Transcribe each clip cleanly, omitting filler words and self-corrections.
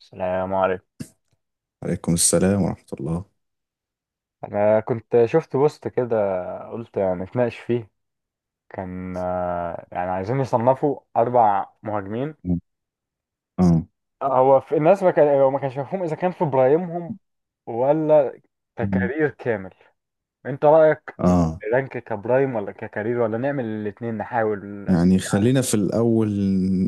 السلام عليكم. عليكم السلام ورحمة الله. انا كنت شفت بوست كده، قلت نتناقش فيه. كان يعني عايزين يصنفوا اربع مهاجمين. اه. هو في الناس ما كانش مفهوم اذا كان في برايمهم ولا ككارير كامل. انت رايك، اه. رانك كبرايم ولا ككارير ولا نعمل الاثنين نحاول؟ يعني يعني خلينا في الأول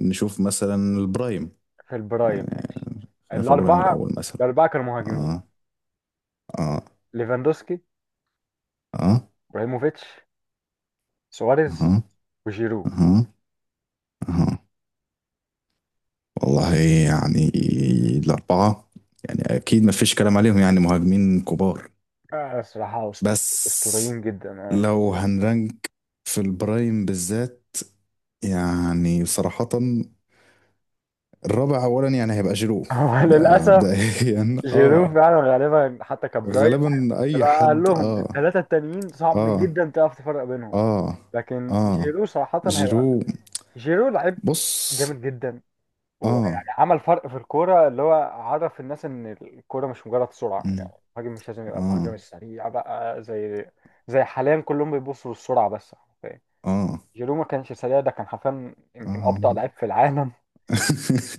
نشوف مثلا البرايم. في البرايم يعني ماشي. خلينا في البرايم الاربعه الأول مثلا. الاربعه كانوا مهاجمين، اه، اه، ليفاندوسكي، اه، ابراهيموفيتش، سواريز، اها، وجيرو. اها، اها. والله يعني الأربعة، يعني أكيد ما فيش كلام عليهم، يعني مهاجمين كبار. صراحه بس اسطوريين جدا. لو هنرنك في البرايم بالذات، يعني صراحة الرابع اولا يعني هيبقى جيرو. هو ده للأسف مبدئيا جيرو اه. فعلا غالبا حتى كبرايم. غالبا اي بقى قال حد لهم اه، الثلاثة التانيين صعب اه، جدا تعرف تفرق بينهم، اه، لكن اه جيرو صراحة هيبقى، جيرو. جيرو لعيب بص. جامد جدا. اه. ويعني عمل فرق في الكورة، اللي هو عرف الناس إن الكورة مش مجرد سرعة مم. يعني، المهاجم مش لازم يبقى المهاجم اه، السريع بقى، زي حاليا كلهم بيبصوا للسرعة بس حرفيا. اه، جيرو ما كانش سريع، ده كان حرفيا يمكن اه. أبطأ لعيب في العالم،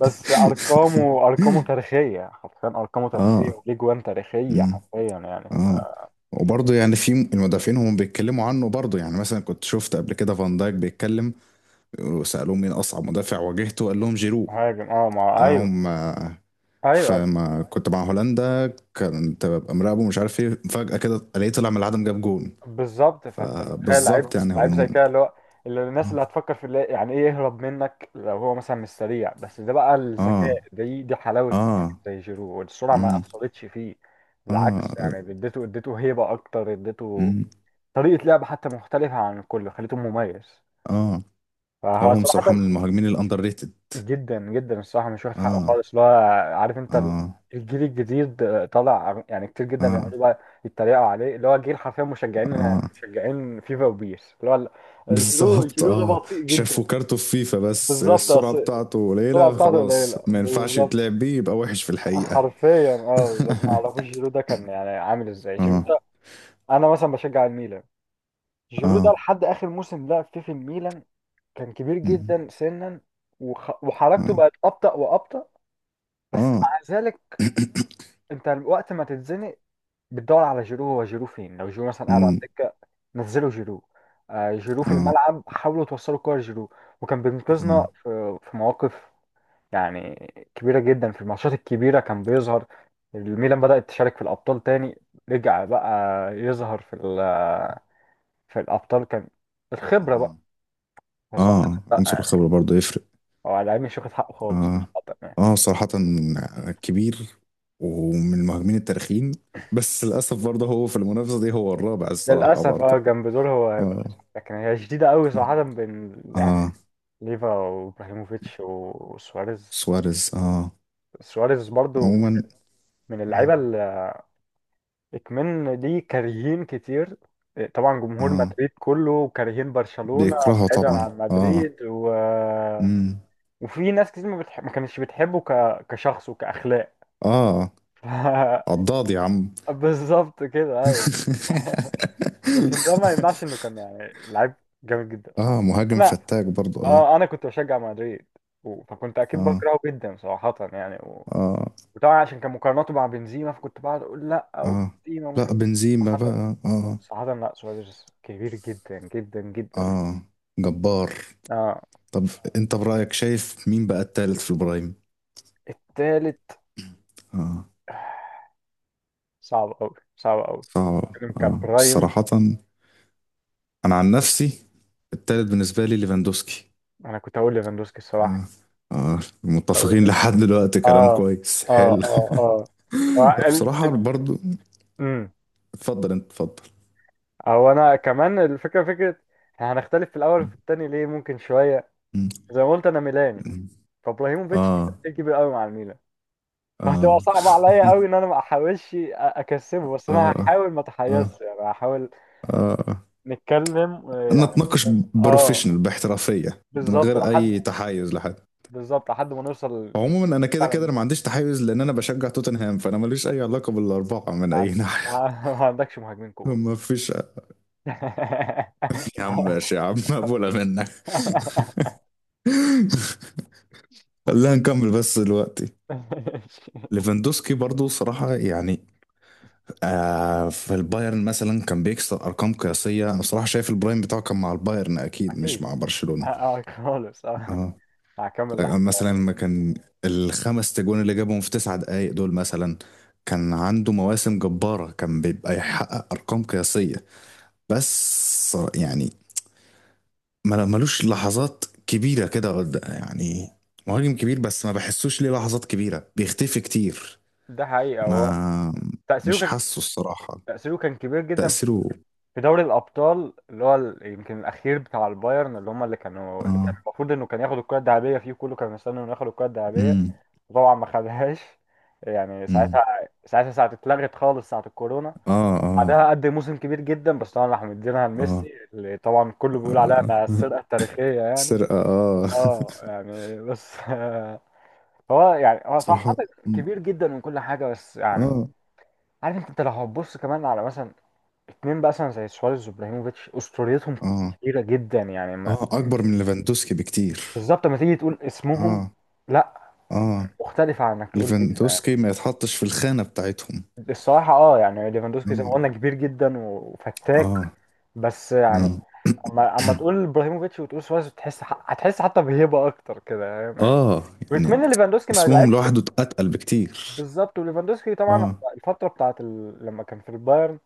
بس ارقامه تاريخيه، حرفيا ارقامه تاريخيه اه. وليه جوان تاريخيه مم. حرفيا يعني. اه. وبرضه يعني في المدافعين هم بيتكلموا عنه برضه، يعني مثلا كنت شفت قبل كده فان دايك بيتكلم وسألوه مين أصعب مدافع واجهته قال لهم جيرو. مهاجم اه، ما، ايوه. هم. ايوه، فما كنت مع هولندا كنت ببقى مراقبه مش عارف ايه، فجأة كده الاقيه طلع من العدم جاب جون. بالظبط. فانت متخيل فبالظبط لعيب يعني. لعيب هم. زي كده، اللي هو اللي الناس اللي هتفكر في اللي يعني ايه يهرب منك لو هو مثلا مش سريع، بس ده بقى اه، الذكاء، دي حلاوه مهاجم اه، زي جيرو، والسرعه ما امم. اثرتش فيه. بالعكس اه، يعني، اديته اديته هيبه اكتر، اديته امم. طريقه لعب حتى مختلفه عن الكل، خليته مميز. اه. فهو هو بصراحة من صراحه المهاجمين الاندر ريتد. جدا جدا الصراحه مش واخد حقه اه، خالص، اللي هو عارف انت اه، الجيل الجديد طالع يعني كتير جدا، اه، بيقعدوا بقى يتريقوا عليه، اللي هو جيل حرفيا مشجعين اه، مشجعين فيفا وبيس، اللي هو جيرو بالظبط جيرو ده اه. بطيء جدا. شافوا كارته في فيفا، بس بالظبط، السرعة اصل بتاعته السرعه قليلة بتاعته خلاص، قليله. ما ينفعش بالظبط يتلعب بيه، يبقى وحش في الحقيقة. حرفيا اه، بالظبط، ما اعرفوش جيرو ده كان يعني عامل ازاي، جيرو اه. ده. انا مثلا بشجع الميلان، جيرو ده اه. لحد اخر موسم لعب فيه في الميلان كان كبير مم. جدا سنا، وحركته اه. بقت ابطأ وابطأ. بس اه. مع ذلك، انت وقت ما تتزنق بتدور على جيرو، هو جيرو فين؟ لو جيرو مثلا قاعد على الدكه، نزلوا جيرو، جيرو في اه. الملعب، حاولوا توصلوا الكوره لجيرو. وكان بينقذنا اه. في مواقف يعني كبيره جدا، في الماتشات الكبيره كان بيظهر. الميلان بدأت تشارك في الابطال تاني، رجع بقى يظهر في في الابطال، كان الخبره بقى، اه. بس هو- اه لا عنصر يعني، الخبرة برضه يفرق. هو على العلم مش واخد حقه خالص اه. صراحة يعني. اه صراحة كبير، ومن المهاجمين التاريخيين، بس للأسف برضه هو في المنافسة دي هو الرابع الصراحة للاسف اه، برضه. جنب دول هو هيبقى، اه. لكن هي شديده قوي صراحه بين اه. ليفا وابراهيموفيتش وسواريز. سواريز. اه سواريز برضو عموما. من اه، اللعيبه اللي اكمن دي كارهين كتير. طبعا جمهور اه، مدريد كله كارهين برشلونه، بيكرهه بعيدا طبعا عن اه. مدريد امم. وفي ناس كتير ما كانتش بتحبه كشخص وكاخلاق. اه. ف... عضاض يا عم. بالظبط كده ايوه. لكن ده ما يمنعش انه كان يعني لعيب جامد جدا، صح. اه مهاجم انا فتاك برضه اه. اه انا كنت بشجع مدريد، فكنت اكيد اه، بكرهه جدا صراحه يعني. اه، وطبعا عشان كان مقارناته مع بنزيما، فكنت بقعد اقول لا، او اه. بنزيما مش لا عارف. بنزيما صراحة بقى اه. صراحة لا، سواريز كبير جدا جدا جدا، اه. جبار. اه. طب انت برأيك شايف مين بقى التالت في البرايم؟ التالت اه. صعب قوي، صعب قوي. صعب كان اه برايم. صراحة. انا عن نفسي التالت بالنسبة لي ليفاندوسكي. انا كنت هقول ليفاندوسكي اه. الصراحة، اه بقول متفقين لك. لحد دلوقتي، كلام اه كويس اه حلو. اه اه. هو بصراحة برضو. امم اتفضل انت اتفضل. هو، انا كمان الفكرة فكرة إحنا هنختلف في الاول وفي التاني ليه ممكن شوية. م- زي ما قلت انا ميلاني، م- فابراهيموفيتش اه كبير قوي مع الميلان، فهتبقى اه. صعبة عليا قوي ان انا ما احاولش اكسبه، بس انا اه. هحاول ما اه. اتحيرش يعني، هحاول اه. نتكلم يعني نتناقش اه. بروفيشنال باحترافيه من بالظبط غير لحد اي تحيز لحد. بالظبط لحد ما نوصل. عموما انا كده فعلا كده ما أنا ما عنديش تحيز، لان انا بشجع توتنهام، فانا ماليش اي علاقه بالاربعه من اي عن- ناحيه. ما عندكش مهاجمين كوره. ما فيش. يا عم ماشي يا عم مقبوله منك. خلينا نكمل بس دلوقتي. ليفاندوسكي برضو صراحة يعني، آه في البايرن مثلا كان بيكسر أرقام قياسية. أنا صراحة شايف البرايم بتاعه كان مع البايرن أكيد، مش اكيد، مع برشلونة. اه خالص، اه آه. هكمل لحظة. مثلا ما كان الخمس تجوان اللي جابهم في 9 دقايق دول مثلا، كان عنده مواسم جبارة كان بيبقى يحقق أرقام قياسية. بس يعني ملوش لحظات كبيرة كده يعني مهاجم كبير بس ما بحسوش ليه لحظات كبيرة، بيختفي كتير. ده حقيقة، هو ما تأثيره مش كان حاسه الصراحة. تأثيره كان كبير جدا تأثيره. في دوري الابطال، اللي هو يمكن الاخير بتاع البايرن، اللي هم اللي كانوا اللي كان اه. المفروض انه كان ياخد الكره الذهبيه فيه، كله كان مستني انه ياخد الكره الذهبيه، امم. وطبعا ما خدهاش يعني. امم. ساعتها ساعه اتلغت خالص، ساعه الكورونا. اه. اه. بعدها قدم موسم كبير جدا، بس طبعا راحوا مدينها اه، لميسي، اللي طبعا كله بيقول عليها آه. انها السرقه التاريخيه يعني. سرقة اه اه يعني بس هو يعني، هو صح صراحة. حاطط مم. كبير جدا من كل حاجه بس يعني اه. عارف انت لو هتبص كمان على مثلا اتنين بقى مثلا زي سواريز وابراهيموفيتش، اسطوريتهم اه. كبيره جدا، يعني ما اه اكبر من ليفاندوسكي بكتير. بالظبط، ما تيجي تقول اسمهم اه. لا، اه مختلفه عن انك تقول إيه. ليفاندوسكي ما يتحطش في الخانة بتاعتهم. الصراحه اه، يعني ليفاندوسكي زي ما اه. قلنا كبير جدا وفتاك اه. بس يعني، اه، اما تقول ابراهيموفيتش وتقول سواريز، تحس هتحس حتى بهيبه اكتر كده، فاهم يعني. آه. يعني وكمان ليفاندوسكي ما اسمهم لعبش لوحده اتقل بكتير. بالظبط. وليفاندوسكي طبعا اه. الفتره بتاعت لما كان في البايرن،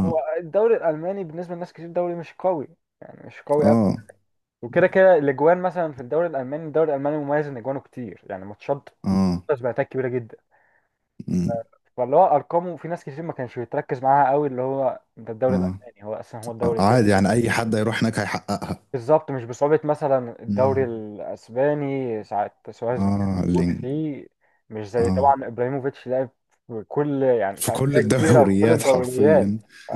هو الدوري الالماني بالنسبه لناس كتير دوري مش قوي، يعني مش قوي. اه. وكده كده الاجوان مثلا، في الدوري الالماني، الدوري الالماني مميز ان اجوانه كتير، يعني ماتشات اه. باتات كبيره جدا. مم. فاللي هو ارقامه، في ناس كتير ما كانش بيتركز معاها قوي، اللي هو ده الدوري اه. الالماني، هو اصلا هو آه. الدوري عادي كده. يعني اي حد هيروح هناك هيحققها. بالظبط، مش بصعوبه مثلا الدوري مم. الاسباني ساعه سواريز ما كان اه موجود لينج. فيه، مش زي طبعا اه ابراهيموفيتش، لعب في كل يعني، في في كل انديه كبيره وفي كل الدوريات الدوريات. حرفيا. ف-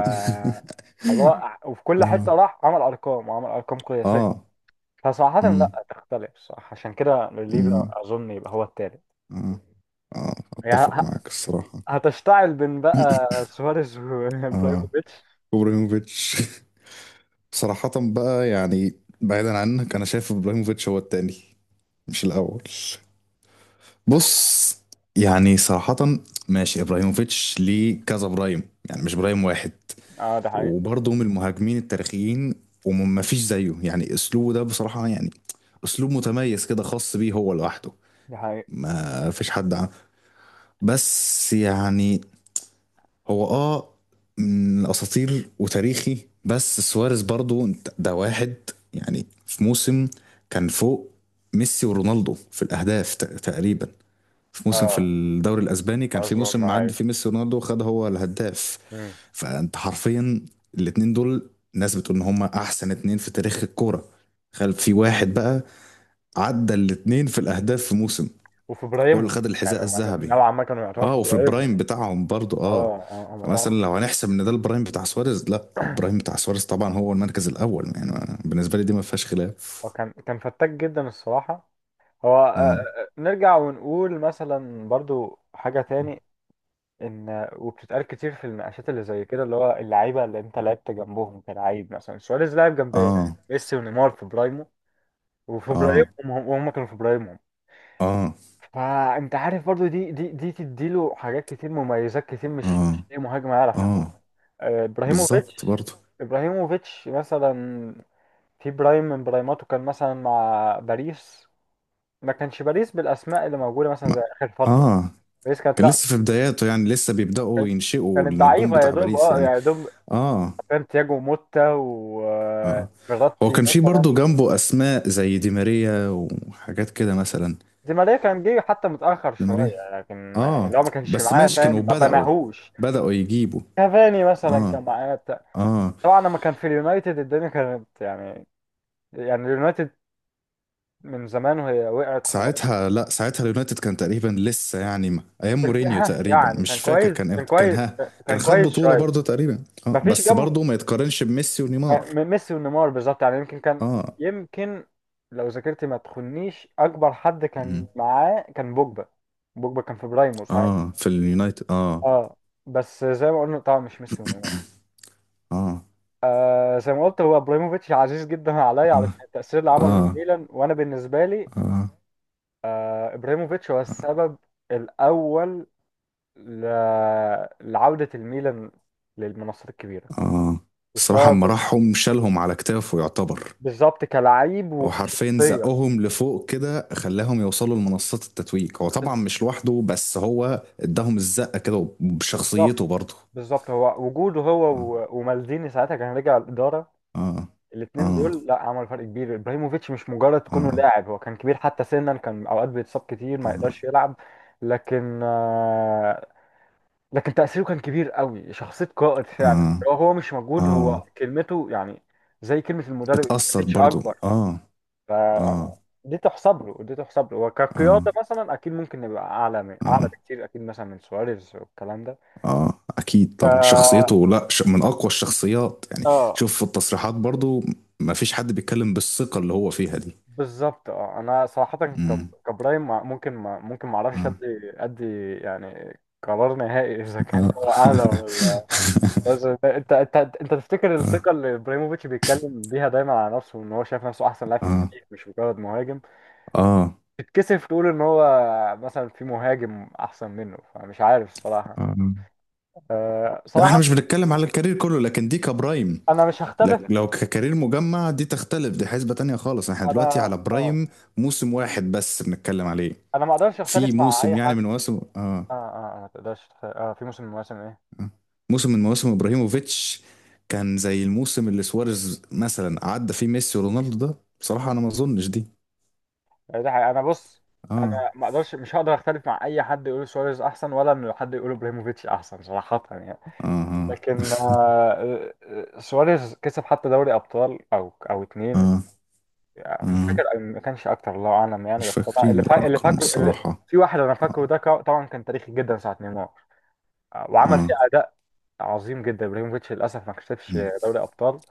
الله. وفي كل اه. حته راح عمل ارقام، وعمل ارقام قياسيه. اه. فصراحة مم. لا تختلف، صح عشان كده ليفا مم. أظن يبقى هو التالت. اه. اه يعني اتفق معاك الصراحة. هتشتعل بين بقى سواريز اه. وابراهيموفيتش. ابراهيموفيتش. صراحة بقى يعني، بعيدا عنك انا شايف ابراهيموفيتش هو التاني، مش الاول. بص، يعني صراحة ماشي، ابراهيموفيتش ليه كذا برايم، يعني مش برايم واحد. اه ده حقيقي، وبرضه من المهاجمين التاريخيين، وما فيش زيه يعني، اسلوبه ده بصراحة يعني اسلوب متميز كده خاص بيه هو لوحده، ده حقيقي، ما فيش حد عنه. بس يعني هو اه من اساطير وتاريخي. بس سواريز برضو ده واحد يعني في موسم كان فوق ميسي ورونالدو في الاهداف تقريبا في موسم في اه الدوري الاسباني كان في موسم أظن معدي أيوه. فيه ميسي ورونالدو، خد هو الهداف. مم. فانت حرفيا الاتنين دول، ناس بتقول ان هما احسن اتنين في تاريخ الكوره، خلف في واحد بقى عدى الاتنين في الاهداف في موسم، وفي هو اللي إبراهيمهم، خد يعني الحذاء هم الذهبي. نوعا ما كانوا يعتبروا اه في وفي البرايم إبراهيمهم. بتاعهم برضو اه اه. اه، هم فمثلا طبعا. لو هنحسب ان ده البرايم بتاع سواريز، لا البرايم بتاع سواريز طبعا هو المركز الاول، يعني بالنسبه لي دي ما فيهاش هو خلاف. كان فتاك جدا الصراحة. هو اه. نرجع ونقول مثلا برضو حاجة تاني، ان وبتتقال كتير في المناقشات اللي زي كده، اللي هو اللعيبه اللي انت لعبت جنبهم كلاعب، مثلا سواريز لعب جنب اه. ميسي ونيمار في برايمو، وفي اه. برايمهم، وهم كانوا في برايمهم. اه. فانت عارف برضو، دي تديله حاجات كتير، مميزات كتير، مش اه. اي مهاجم يعرف اه ياخدها. بالظبط ابراهيموفيتش. برضو. ابراهيموفيتش مثلا في برايم من برايماته كان مثلا مع باريس، ما كانش باريس بالاسماء اللي موجوده مثلا زي ما اخر فتره. اه. باريس كانت، كان لا، لسه في بداياته، يعني لسه بيبداوا كانت ينشئوا كانت النجوم ضعيفة يا بتاع دوب، باريس اه يعني. يا دوب. اه. سانتياغو موتا اه. هو وفيراتي كان في برضو مثلا. جنبه اسماء زي دي ماريا وحاجات كده مثلا. دي ماريا كان جه حتى متأخر دي ماريا. شوية، لكن يعني اه لو ما كانش بس معاه ماشي فاهم كانوا ما بدأوا بناهوش. بدأوا يجيبوا. كافاني مثلا اه. كان معاه بتاع. اه. طبعا لما كان في اليونايتد الدنيا كانت يعني، يعني اليونايتد من زمان وهي وقعت خلاص. ساعتها لا، ساعتها اليونايتد كان تقريبا لسه يعني ايام كان في- مورينيو ها، تقريبا، يعني كان مش فاكر كويس، كان كان امتى كان. كويس، ها كان كان خد كويس بطولة شوية. برضه تقريبا ما اه، فيش بس جنب برضه ما يتقارنش بميسي ونيمار. ميسي ونيمار بالظبط، يعني يمكن كان، اه. يمكن لو ذاكرتي ما تخنيش أكبر حد كان مم. معاه كان بوجبا، بوجبا كان في برايمه ساعتها اه في اليونايتد اه. اه، بس زي ما قلنا طبعا مش ميسي وميلان. اه. زي ما قلت، هو ابراهيموفيتش عزيز جدا عليا اه. علشان التأثير اللي عمله اه. الميلان، وانا بالنسبة لي اه. ابراهيموفيتش هو السبب الاول ل... لعودة الميلان للمنصات الكبيرة، اه. الصراحة اما والسبب راحهم شالهم على كتافه يعتبر. بالظبط كلاعب هو حرفيا وكشخصية. زقهم لفوق كده، خلاهم يوصلوا لمنصات التتويج، هو طبعا بز- مش لوحده بس هو اداهم الزقة كده بالظبط، وبشخصيته برضه. بالظبط هو وجوده، هو آه. ومالديني ساعتها كان رجع الإدارة، اه. الاثنين اه. دول لا عملوا فرق كبير. ابراهيموفيتش مش مجرد اه. كونه اه. لاعب، هو كان كبير حتى سنا، كان اوقات بيتصاب كتير ما يقدرش يلعب، لكن آه، لكن تأثيره كان كبير قوي، شخصية قائد اه. فعلا. اه، هو مش آه، موجود، آه، آه، هو كلمته يعني زي كلمة المدرب، ما بتأثر كانتش برضو اكبر. اه. ف اه. دي تحسب له، اه. وكقيادة مثلا، اكيد ممكن نبقى اعلى، من اعلى اه. بكتير اكيد، مثلا من سواريز والكلام ده. اه اكيد ف... طبعا شخصيته، لا من اقوى الشخصيات يعني. اه شوف في التصريحات برضو، ما فيش حد بيتكلم بالثقة اللي هو فيها دي. بالظبط، اه انا صراحه امم. كابراهيم، ممكن ما اعرفش اه. ادي ادي يعني قرار نهائي. اذا كان اه. هو اعلى، ولا. بس انت انت انت أنت تفتكر اه. الثقه اللي ابراهيموفيتش بيتكلم بيها دايما على نفسه، ان هو شايف نفسه احسن لاعب اه. في اه. التاريخ مش مجرد مهاجم، آه. آه، تتكسف تقول ان هو مثلا في مهاجم احسن منه، فمش عارف الصراحه. آه. أه لا احنا مش صراحه، بنتكلم على الكارير كله، لكن دي كبرايم. انا مش هختلف. لو ككارير مجمع دي تختلف، دي حسبة تانية خالص، احنا دلوقتي انا على اه برايم موسم واحد بس بنتكلم عليه. انا ما اقدرش في اختلف مع موسم اي يعني حد. من مواسم اه. اه اه ما تقدرش في موسم من المواسم ايه. آه. موسم من مواسم ابراهيموفيتش كان زي الموسم اللي سواريز مثلا عدى فيه ميسي ورونالدو ده، بصراحة انا ما اظنش دي. يعني ده حقيقة. انا بص، انا اه. ما اقدرش مش هقدر اختلف مع اي حد يقول سواريز احسن، ولا انه حد يقول ابراهيموفيتش احسن، صراحة يعني. اه. اه. لكن سواريز كسب حتى دوري ابطال، او اتنين. اه، مش آه. فاكر، ما كانش اكتر الله اعلم يعني، مش بس انا فاكرين اللي الارقام فاكره، اللي الصراحة. في واحد انا اه. فاكره ده طبعا كان تاريخي جدا، ساعة نيمار. وعمل فيه اه. اداء عظيم جدا. ابراهيموفيتش للاسف ما كسبش مم. دوري ابطال،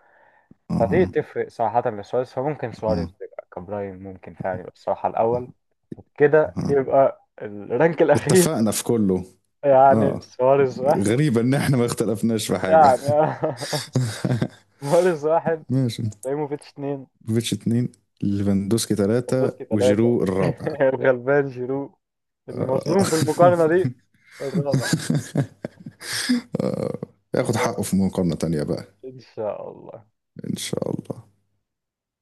اه. فدي اه. تفرق صراحة لسواريز، فممكن سواريز اه، يبقى كبراين، ممكن فعلا يبقى الصراحة آه. الاول. كده آه. يبقى الرانك الأخير، اتفقنا في كله. اه يعني سواريز واحد. غريبة ان احنا ما اختلفناش في حاجة. يعني سواريز واحد، ماشي. ابراهيموفيتش اتنين، فيتش اتنين، ليفاندوسكي تلاتة ليفاندوفسكي تلاتة. وجيرو الرابع. الغلبان جيرو آه. المظلوم في المقارنة دي، الرابع. ياخد حقه في مقارنة تانية بقى. إن شاء الله. إن شاء الله.